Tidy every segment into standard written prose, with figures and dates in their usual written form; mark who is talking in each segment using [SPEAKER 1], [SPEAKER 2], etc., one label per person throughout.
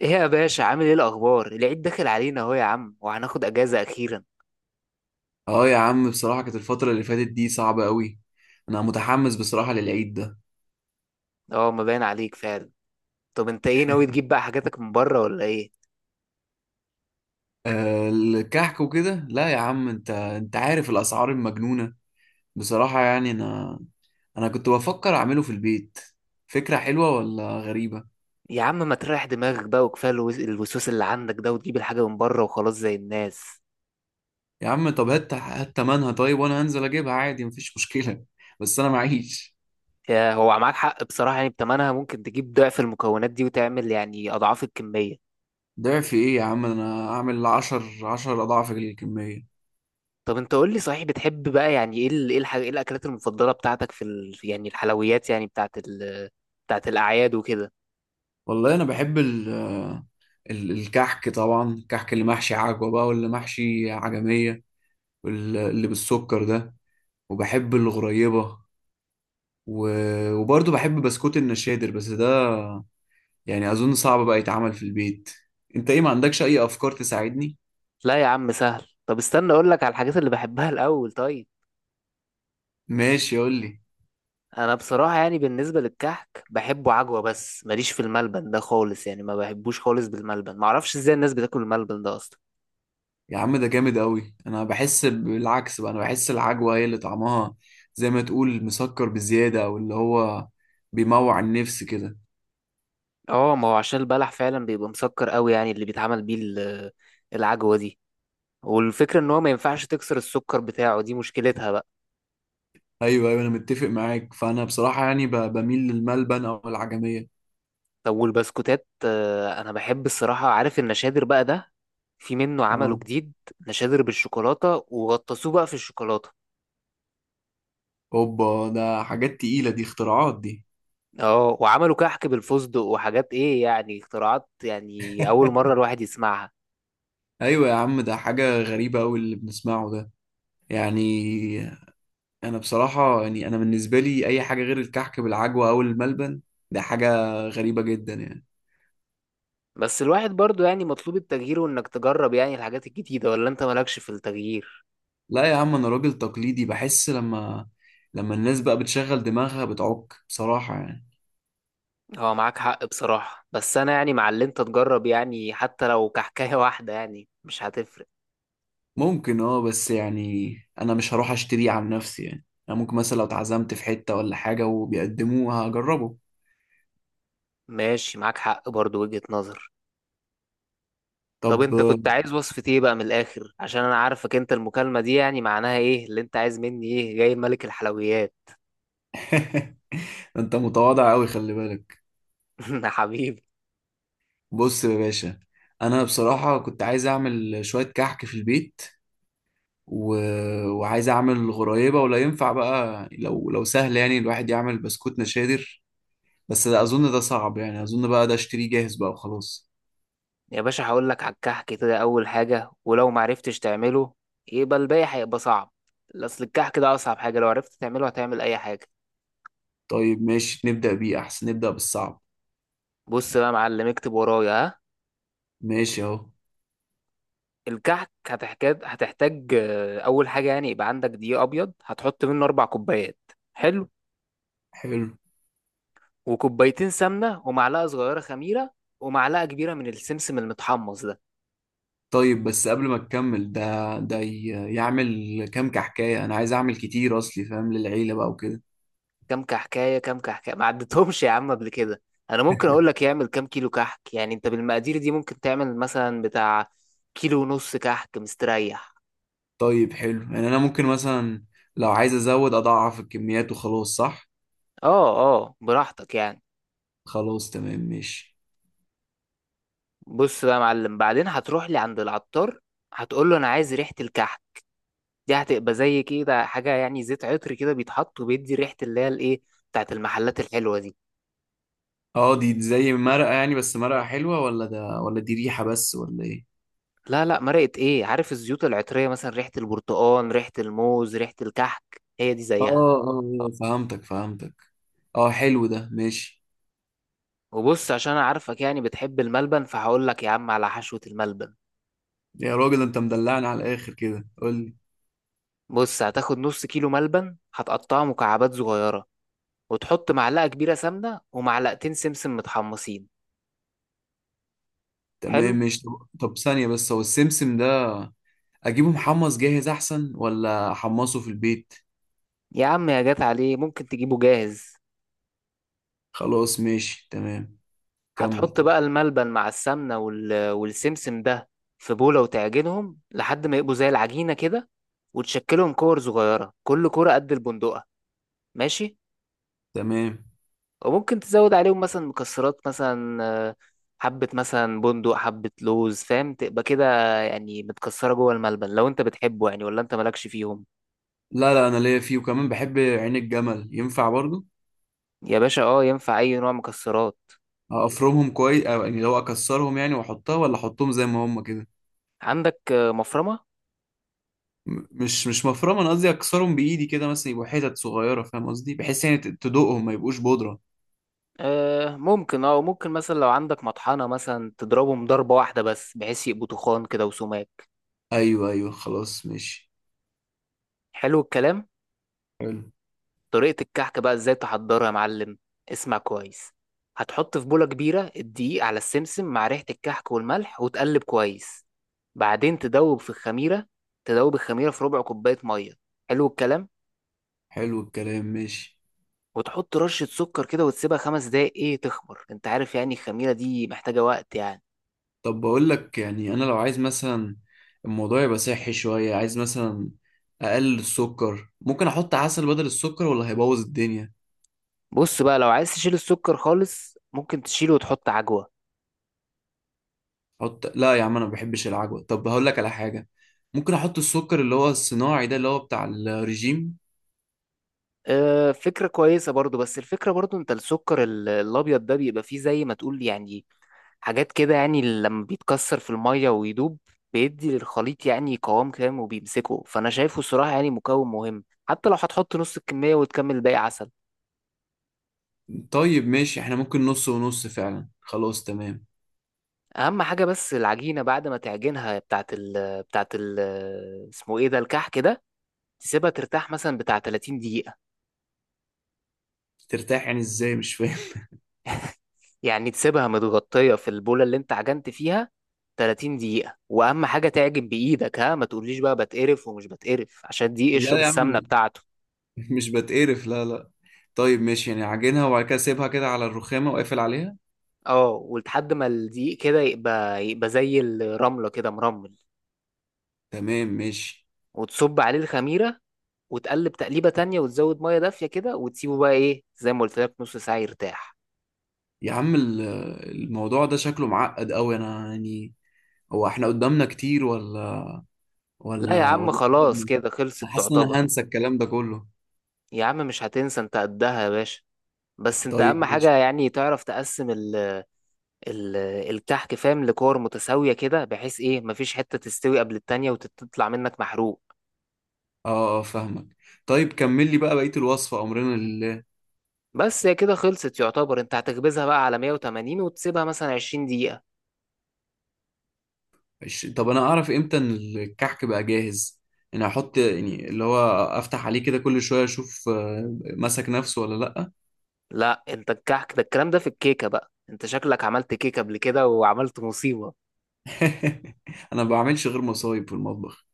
[SPEAKER 1] ايه يا باشا، عامل ايه؟ الاخبار؟ العيد داخل علينا اهو يا عم، وهناخد اجازه اخيرا.
[SPEAKER 2] اه، يا عم بصراحة كانت الفترة اللي فاتت دي صعبة قوي. انا متحمس بصراحة للعيد ده.
[SPEAKER 1] اه، ما باين عليك فعلا. طب انت ايه ناوي تجيب بقى حاجاتك من بره ولا ايه؟
[SPEAKER 2] الكحك وكده. لا يا عم، انت عارف الاسعار المجنونة. بصراحة يعني انا كنت بفكر اعمله في البيت. فكرة حلوة ولا غريبة؟
[SPEAKER 1] يا عم، ما تريح دماغك بقى، وكفايه الوسوس اللي عندك ده، وتجيب الحاجه من بره وخلاص زي الناس.
[SPEAKER 2] يا عم، طب هات هات تمنها طيب وانا هنزل اجيبها عادي، مفيش مشكلة. بس انا معيش.
[SPEAKER 1] يا هو معاك حق بصراحه، يعني بتمنها ممكن تجيب ضعف المكونات دي وتعمل يعني اضعاف الكميه.
[SPEAKER 2] ضعف ايه يا عم؟ انا اعمل عشر اضعاف الكمية.
[SPEAKER 1] طب انت قول لي، صحيح بتحب بقى يعني ايه ايه الحاجه، ايه الاكلات المفضله بتاعتك في يعني الحلويات، يعني بتاعت الاعياد وكده؟
[SPEAKER 2] والله انا بحب الكحك طبعا، الكحك اللي محشي عجوة بقى واللي محشي عجمية. واللي بالسكر ده. وبحب الغريبة. و... وبرضه بحب بسكوت النشادر، بس ده يعني أظن صعب بقى يتعمل في البيت. انت ايه؟ ما عندكش اي افكار تساعدني؟
[SPEAKER 1] لا يا عم، سهل. طب استنى اقول لك على الحاجات اللي بحبها الاول طيب.
[SPEAKER 2] ماشي، قول لي.
[SPEAKER 1] انا بصراحه يعني بالنسبه للكحك بحبه عجوه، بس ماليش في الملبن ده خالص، يعني ما بحبوش خالص بالملبن، ما اعرفش ازاي الناس بتاكل الملبن ده اصلا.
[SPEAKER 2] يا عم، ده جامد قوي، انا بحس بالعكس بقى، انا بحس العجوة هي اللي طعمها زي ما تقول مسكر بزيادة، او اللي هو بيموع النفس كده.
[SPEAKER 1] اه، ما هو عشان البلح فعلا بيبقى مسكر قوي، يعني اللي بيتعمل بيه العجوه دي. والفكره ان هو ما ينفعش تكسر السكر بتاعه، دي مشكلتها بقى.
[SPEAKER 2] ايوه، ايوه، انا متفق معاك، فانا بصراحة يعني بميل للملبن او العجمية.
[SPEAKER 1] طب والبسكوتات؟ انا بحب الصراحه، عارف النشادر بقى ده؟ في منه عمله
[SPEAKER 2] اه،
[SPEAKER 1] جديد، نشادر بالشوكولاته وغطسوه بقى في الشوكولاته.
[SPEAKER 2] اوبا، ده حاجات تقيلة دي، اختراعات دي.
[SPEAKER 1] اه، وعملوا كحك بالفستق وحاجات، ايه يعني اختراعات، يعني اول مرة الواحد يسمعها.
[SPEAKER 2] ايوه يا عم، ده حاجة غريبة أوي اللي بنسمعه ده يعني. انا بصراحة يعني، انا بالنسبة لي اي حاجة غير الكحك بالعجوة او الملبن ده حاجة غريبة جدا يعني.
[SPEAKER 1] بس الواحد برضو يعني مطلوب التغيير، وانك تجرب يعني الحاجات الجديدة. ولا انت مالكش في التغيير؟
[SPEAKER 2] لا يا عم، انا راجل تقليدي، بحس لما الناس بقى بتشغل دماغها بتعك بصراحة يعني.
[SPEAKER 1] هو معاك حق بصراحة، بس انا يعني مع اللي انت تجرب، يعني حتى لو كحكاية واحدة يعني مش هتفرق.
[SPEAKER 2] ممكن، اه، بس يعني انا مش هروح اشتريه عن نفسي يعني، انا ممكن مثلا لو اتعزمت في حتة ولا حاجة وبيقدموه هجربه.
[SPEAKER 1] ماشي، معاك حق برضو، وجهة نظر. طب
[SPEAKER 2] طب.
[SPEAKER 1] انت كنت عايز وصفة ايه بقى من الاخر؟ عشان انا عارفك انت، المكالمة دي يعني معناها ايه؟ اللي انت عايز مني ايه جاي ملك الحلويات؟
[SPEAKER 2] انت متواضع قوي، خلي بالك.
[SPEAKER 1] حبيبي.
[SPEAKER 2] بص يا باشا. انا بصراحة كنت عايز اعمل شوية كحك في البيت. و... وعايز اعمل غرايبة، ولا ينفع بقى لو سهل يعني الواحد يعمل بسكوت نشادر. بس ده اظن ده صعب يعني، اظن بقى ده اشتريه جاهز بقى وخلاص.
[SPEAKER 1] يا باشا، هقول لك على الكحك كده اول حاجه، ولو ما عرفتش تعمله يبقى الباقي هيبقى صعب. اصل الكحك ده اصعب حاجه، لو عرفت تعمله هتعمل اي حاجه.
[SPEAKER 2] طيب ماشي، نبدأ بيه، احسن نبدأ بالصعب.
[SPEAKER 1] بص بقى يا معلم، اكتب ورايا، ها.
[SPEAKER 2] ماشي اهو.
[SPEAKER 1] الكحك هتحتاج اول حاجه، يعني يبقى عندك دقيق ابيض هتحط منه 4 كوبايات. حلو.
[SPEAKER 2] حلو.
[SPEAKER 1] وكوبايتين سمنه، ومعلقه صغيره خميره، ومعلقه كبيره من السمسم المتحمص ده.
[SPEAKER 2] طيب بس قبل ما تكمل، ده يعمل كام كحكاية؟ انا عايز اعمل كتير اصلي فاهم للعيلة بقى وكده.
[SPEAKER 1] كام كحكايه؟ كام كحكايه ما عدتهمش يا عم قبل كده؟ انا ممكن اقول لك يعمل كام كيلو كحك. يعني انت بالمقادير دي ممكن تعمل مثلا بتاع كيلو ونص كحك مستريح.
[SPEAKER 2] طيب حلو يعني، انا ممكن مثلا لو عايز ازود اضعف الكميات وخلاص، صح؟
[SPEAKER 1] اه اه، براحتك يعني.
[SPEAKER 2] خلاص تمام ماشي.
[SPEAKER 1] بص بقى يا معلم، بعدين هتروح لي عند العطار، هتقول له انا عايز ريحه الكحك. دي هتبقى زي كده حاجه يعني زيت عطر كده بيتحط وبيدي ريحه، اللي هي الايه، بتاعت المحلات الحلوه دي.
[SPEAKER 2] اه، دي زي مرقة يعني؟ بس مرقة حلوة ولا ده، ولا دي ريحة بس ولا ايه؟
[SPEAKER 1] لا لا، مرقه ايه؟ عارف الزيوت العطريه، مثلا ريحه البرتقال، ريحه الموز، ريحه الكحك، هي دي
[SPEAKER 2] اه،
[SPEAKER 1] زيها.
[SPEAKER 2] اه، فهمتك فهمتك. اه، حلو ده، ماشي.
[SPEAKER 1] وبص، عشان انا عارفك يعني بتحب الملبن، فهقول لك يا عم على حشوة الملبن.
[SPEAKER 2] يا راجل، انت مدلعني على الاخر كده. قول لي.
[SPEAKER 1] بص، هتاخد نص كيلو ملبن، هتقطعه مكعبات صغيرة، وتحط معلقة كبيرة سمنة ومعلقتين سمسم متحمصين.
[SPEAKER 2] تمام
[SPEAKER 1] حلو.
[SPEAKER 2] ماشي. طب ثانية بس، هو السمسم ده اجيبه محمص جاهز احسن، ولا احمصه في البيت؟
[SPEAKER 1] يا عم، يا جات عليه، ممكن تجيبه جاهز.
[SPEAKER 2] خلاص ماشي تمام. كمل
[SPEAKER 1] هتحط
[SPEAKER 2] طب.
[SPEAKER 1] بقى الملبن مع السمنة والسمسم ده في بولة، وتعجنهم لحد ما يبقوا زي العجينة كده. وتشكلهم كور صغيرة، كل كورة قد البندقة. ماشي.
[SPEAKER 2] تمام.
[SPEAKER 1] وممكن تزود عليهم مثلا مكسرات، مثلا آه، حبة مثلا بندق، حبة لوز، فاهم تبقى كده، يعني متكسرة جوه الملبن، لو انت بتحبه يعني. ولا انت مالكش فيهم؟
[SPEAKER 2] لا، لا، انا ليا فيه، وكمان بحب عين الجمل، ينفع برضو؟
[SPEAKER 1] يا باشا، اه، ينفع اي نوع مكسرات.
[SPEAKER 2] افرمهم كويس، أو يعني لو اكسرهم يعني واحطها، ولا احطهم زي ما هم كده؟
[SPEAKER 1] عندك مفرمة؟
[SPEAKER 2] مش مفرمه، انا قصدي اكسرهم بايدي كده مثلا يبقوا حتت صغيره، فاهم قصدي؟ بحيث يعني تدوقهم، ما يبقوش بودره.
[SPEAKER 1] آه ممكن، وممكن مثلا لو عندك مطحنة، مثلا تضربهم ضربة واحدة بس بحيث يبقوا تخان كده وسماك.
[SPEAKER 2] ايوه، ايوه، خلاص ماشي.
[SPEAKER 1] حلو الكلام.
[SPEAKER 2] حلو.
[SPEAKER 1] طريقة الكحكة بقى ازاي تحضرها يا معلم؟ اسمع كويس. هتحط في بولة كبيرة الدقيق على السمسم مع ريحة الكحك والملح، وتقلب كويس. بعدين تدوب في الخميرة، تدوب الخميرة في ربع كوباية مية. حلو الكلام.
[SPEAKER 2] حلو الكلام، ماشي.
[SPEAKER 1] وتحط رشة سكر كده، وتسيبها 5 دقايق ايه تخمر، انت عارف يعني الخميرة دي محتاجة وقت يعني.
[SPEAKER 2] طب بقول لك يعني، انا لو عايز مثلا الموضوع يبقى صحي شويه، عايز مثلا اقلل السكر، ممكن احط عسل بدل السكر، ولا هيبوظ الدنيا؟
[SPEAKER 1] بص بقى، لو عايز تشيل السكر خالص، ممكن تشيله وتحط عجوة.
[SPEAKER 2] حط. لا يا عم، انا ما بحبش العجوه. طب هقول لك على حاجه، ممكن احط السكر اللي هو الصناعي ده، اللي هو بتاع الرجيم.
[SPEAKER 1] اه، فكرة كويسة برضو، بس الفكرة برضو انت السكر الابيض ده بيبقى فيه زي ما تقول يعني حاجات كده، يعني لما بيتكسر في المية ويدوب بيدي للخليط يعني قوام كام وبيمسكه، فأنا شايفه الصراحة يعني مكون مهم، حتى لو هتحط نص الكمية وتكمل باقي عسل.
[SPEAKER 2] طيب ماشي، احنا ممكن نص ونص فعلا، خلاص تمام.
[SPEAKER 1] أهم حاجة، بس العجينة بعد ما تعجنها بتاعت ال بتاعت ال اسمه ايه ده، الكحك كده، تسيبها ترتاح مثلا بتاع 30 دقيقة.
[SPEAKER 2] ترتاح يعني ازاي؟ مش فاهم.
[SPEAKER 1] يعني تسيبها متغطية في البولة اللي انت عجنت فيها 30 دقيقة. وأهم حاجة تعجن بإيدك، ها، ما تقوليش بقى بتقرف ومش بتقرف، عشان دي
[SPEAKER 2] لا
[SPEAKER 1] اشرب
[SPEAKER 2] يا
[SPEAKER 1] السمنة
[SPEAKER 2] عم،
[SPEAKER 1] بتاعته.
[SPEAKER 2] مش بتقرف، لا، لا. طيب ماشي يعني، عجنها وبعد كده سيبها كده على الرخامه وقافل عليها؟
[SPEAKER 1] اه، ولحد ما الدقيق كده يبقى زي الرملة كده مرمل،
[SPEAKER 2] تمام ماشي.
[SPEAKER 1] وتصب عليه الخميرة وتقلب تقليبة تانية، وتزود مية دافية كده، وتسيبه بقى ايه زي ما قلت لك نص ساعة يرتاح.
[SPEAKER 2] يا عم، الموضوع ده شكله معقد قوي، انا يعني هو احنا قدامنا كتير ولا
[SPEAKER 1] لا يا
[SPEAKER 2] ولا
[SPEAKER 1] عم،
[SPEAKER 2] ولا
[SPEAKER 1] خلاص
[SPEAKER 2] قربنا؟
[SPEAKER 1] كده خلصت
[SPEAKER 2] انا حاسس ان
[SPEAKER 1] تعتبر.
[SPEAKER 2] انا هنسى الكلام ده كله.
[SPEAKER 1] يا عم مش هتنسى، انت قدها يا باشا. بس انت
[SPEAKER 2] طيب
[SPEAKER 1] اهم حاجة
[SPEAKER 2] ماشي.
[SPEAKER 1] يعني تعرف تقسم ال ال الكحك فاهم لكور متساوية كده، بحيث ايه مفيش حتة تستوي قبل التانية وتطلع منك محروق.
[SPEAKER 2] اه، اه، فاهمك. طيب كمل لي بقى بقية الوصفة، أمرنا لله.
[SPEAKER 1] بس هي كده خلصت يعتبر، انت هتخبزها بقى على 180 وتسيبها مثلا 20 دقيقة.
[SPEAKER 2] طب أنا أعرف إمتى إن الكحك بقى جاهز؟ يعني أحط يعني اللي هو، أفتح عليه كده كل شوية أشوف، مسك نفسه ولا لأ؟
[SPEAKER 1] لا، انت الكحك ده الكلام ده في الكيكة بقى، انت شكلك عملت كيكة قبل كده وعملت مصيبة.
[SPEAKER 2] أنا ما بعملش غير مصايب في المطبخ.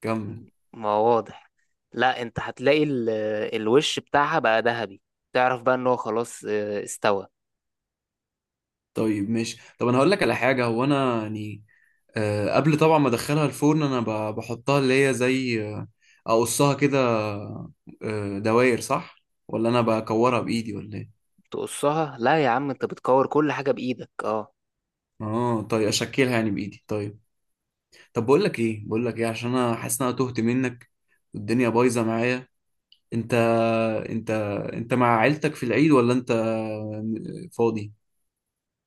[SPEAKER 2] كمل.
[SPEAKER 1] ما هو واضح. لا، انت هتلاقي الوش بتاعها بقى ذهبي، تعرف بقى ان هو خلاص استوى.
[SPEAKER 2] طيب ماشي. طب أنا هقول لك على حاجة، هو أنا يعني قبل طبعا ما أدخلها الفرن أنا بحطها اللي هي زي أقصها كده، دواير، صح؟ ولا أنا بكورها بإيدي ولا إيه؟
[SPEAKER 1] تقصها؟ لا يا عم، انت بتكور كل حاجة بايدك، اه.
[SPEAKER 2] اه طيب، أشكلها يعني بإيدي، طيب. طب بقول لك ايه عشان انا حاسس ان انا تهت منك، والدنيا بايظه معايا. انت انت انت مع عيلتك في العيد ولا انت فاضي؟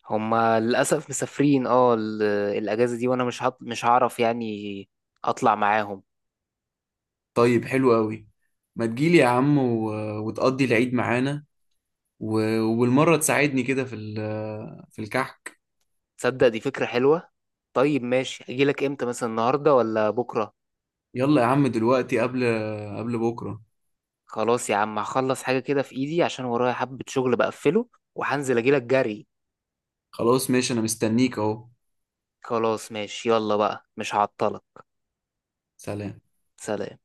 [SPEAKER 1] هما للأسف مسافرين، الأجازة دي، وانا مش هعرف يعني اطلع معاهم.
[SPEAKER 2] طيب حلو قوي. ما تجيلي يا عم وتقضي العيد معانا، وبالمره تساعدني كده في الكحك.
[SPEAKER 1] تصدق دي فكرة حلوة. طيب ماشي، اجيلك امتى مثلا، النهاردة ولا بكرة؟
[SPEAKER 2] يلا يا عم دلوقتي، قبل بكره.
[SPEAKER 1] خلاص يا عم، هخلص حاجة كده في ايدي عشان ورايا حبة شغل، بقفله وهنزل اجيلك جري.
[SPEAKER 2] خلاص ماشي، انا مستنيك اهو.
[SPEAKER 1] خلاص ماشي، يلا بقى مش هعطلك.
[SPEAKER 2] سلام.
[SPEAKER 1] سلام.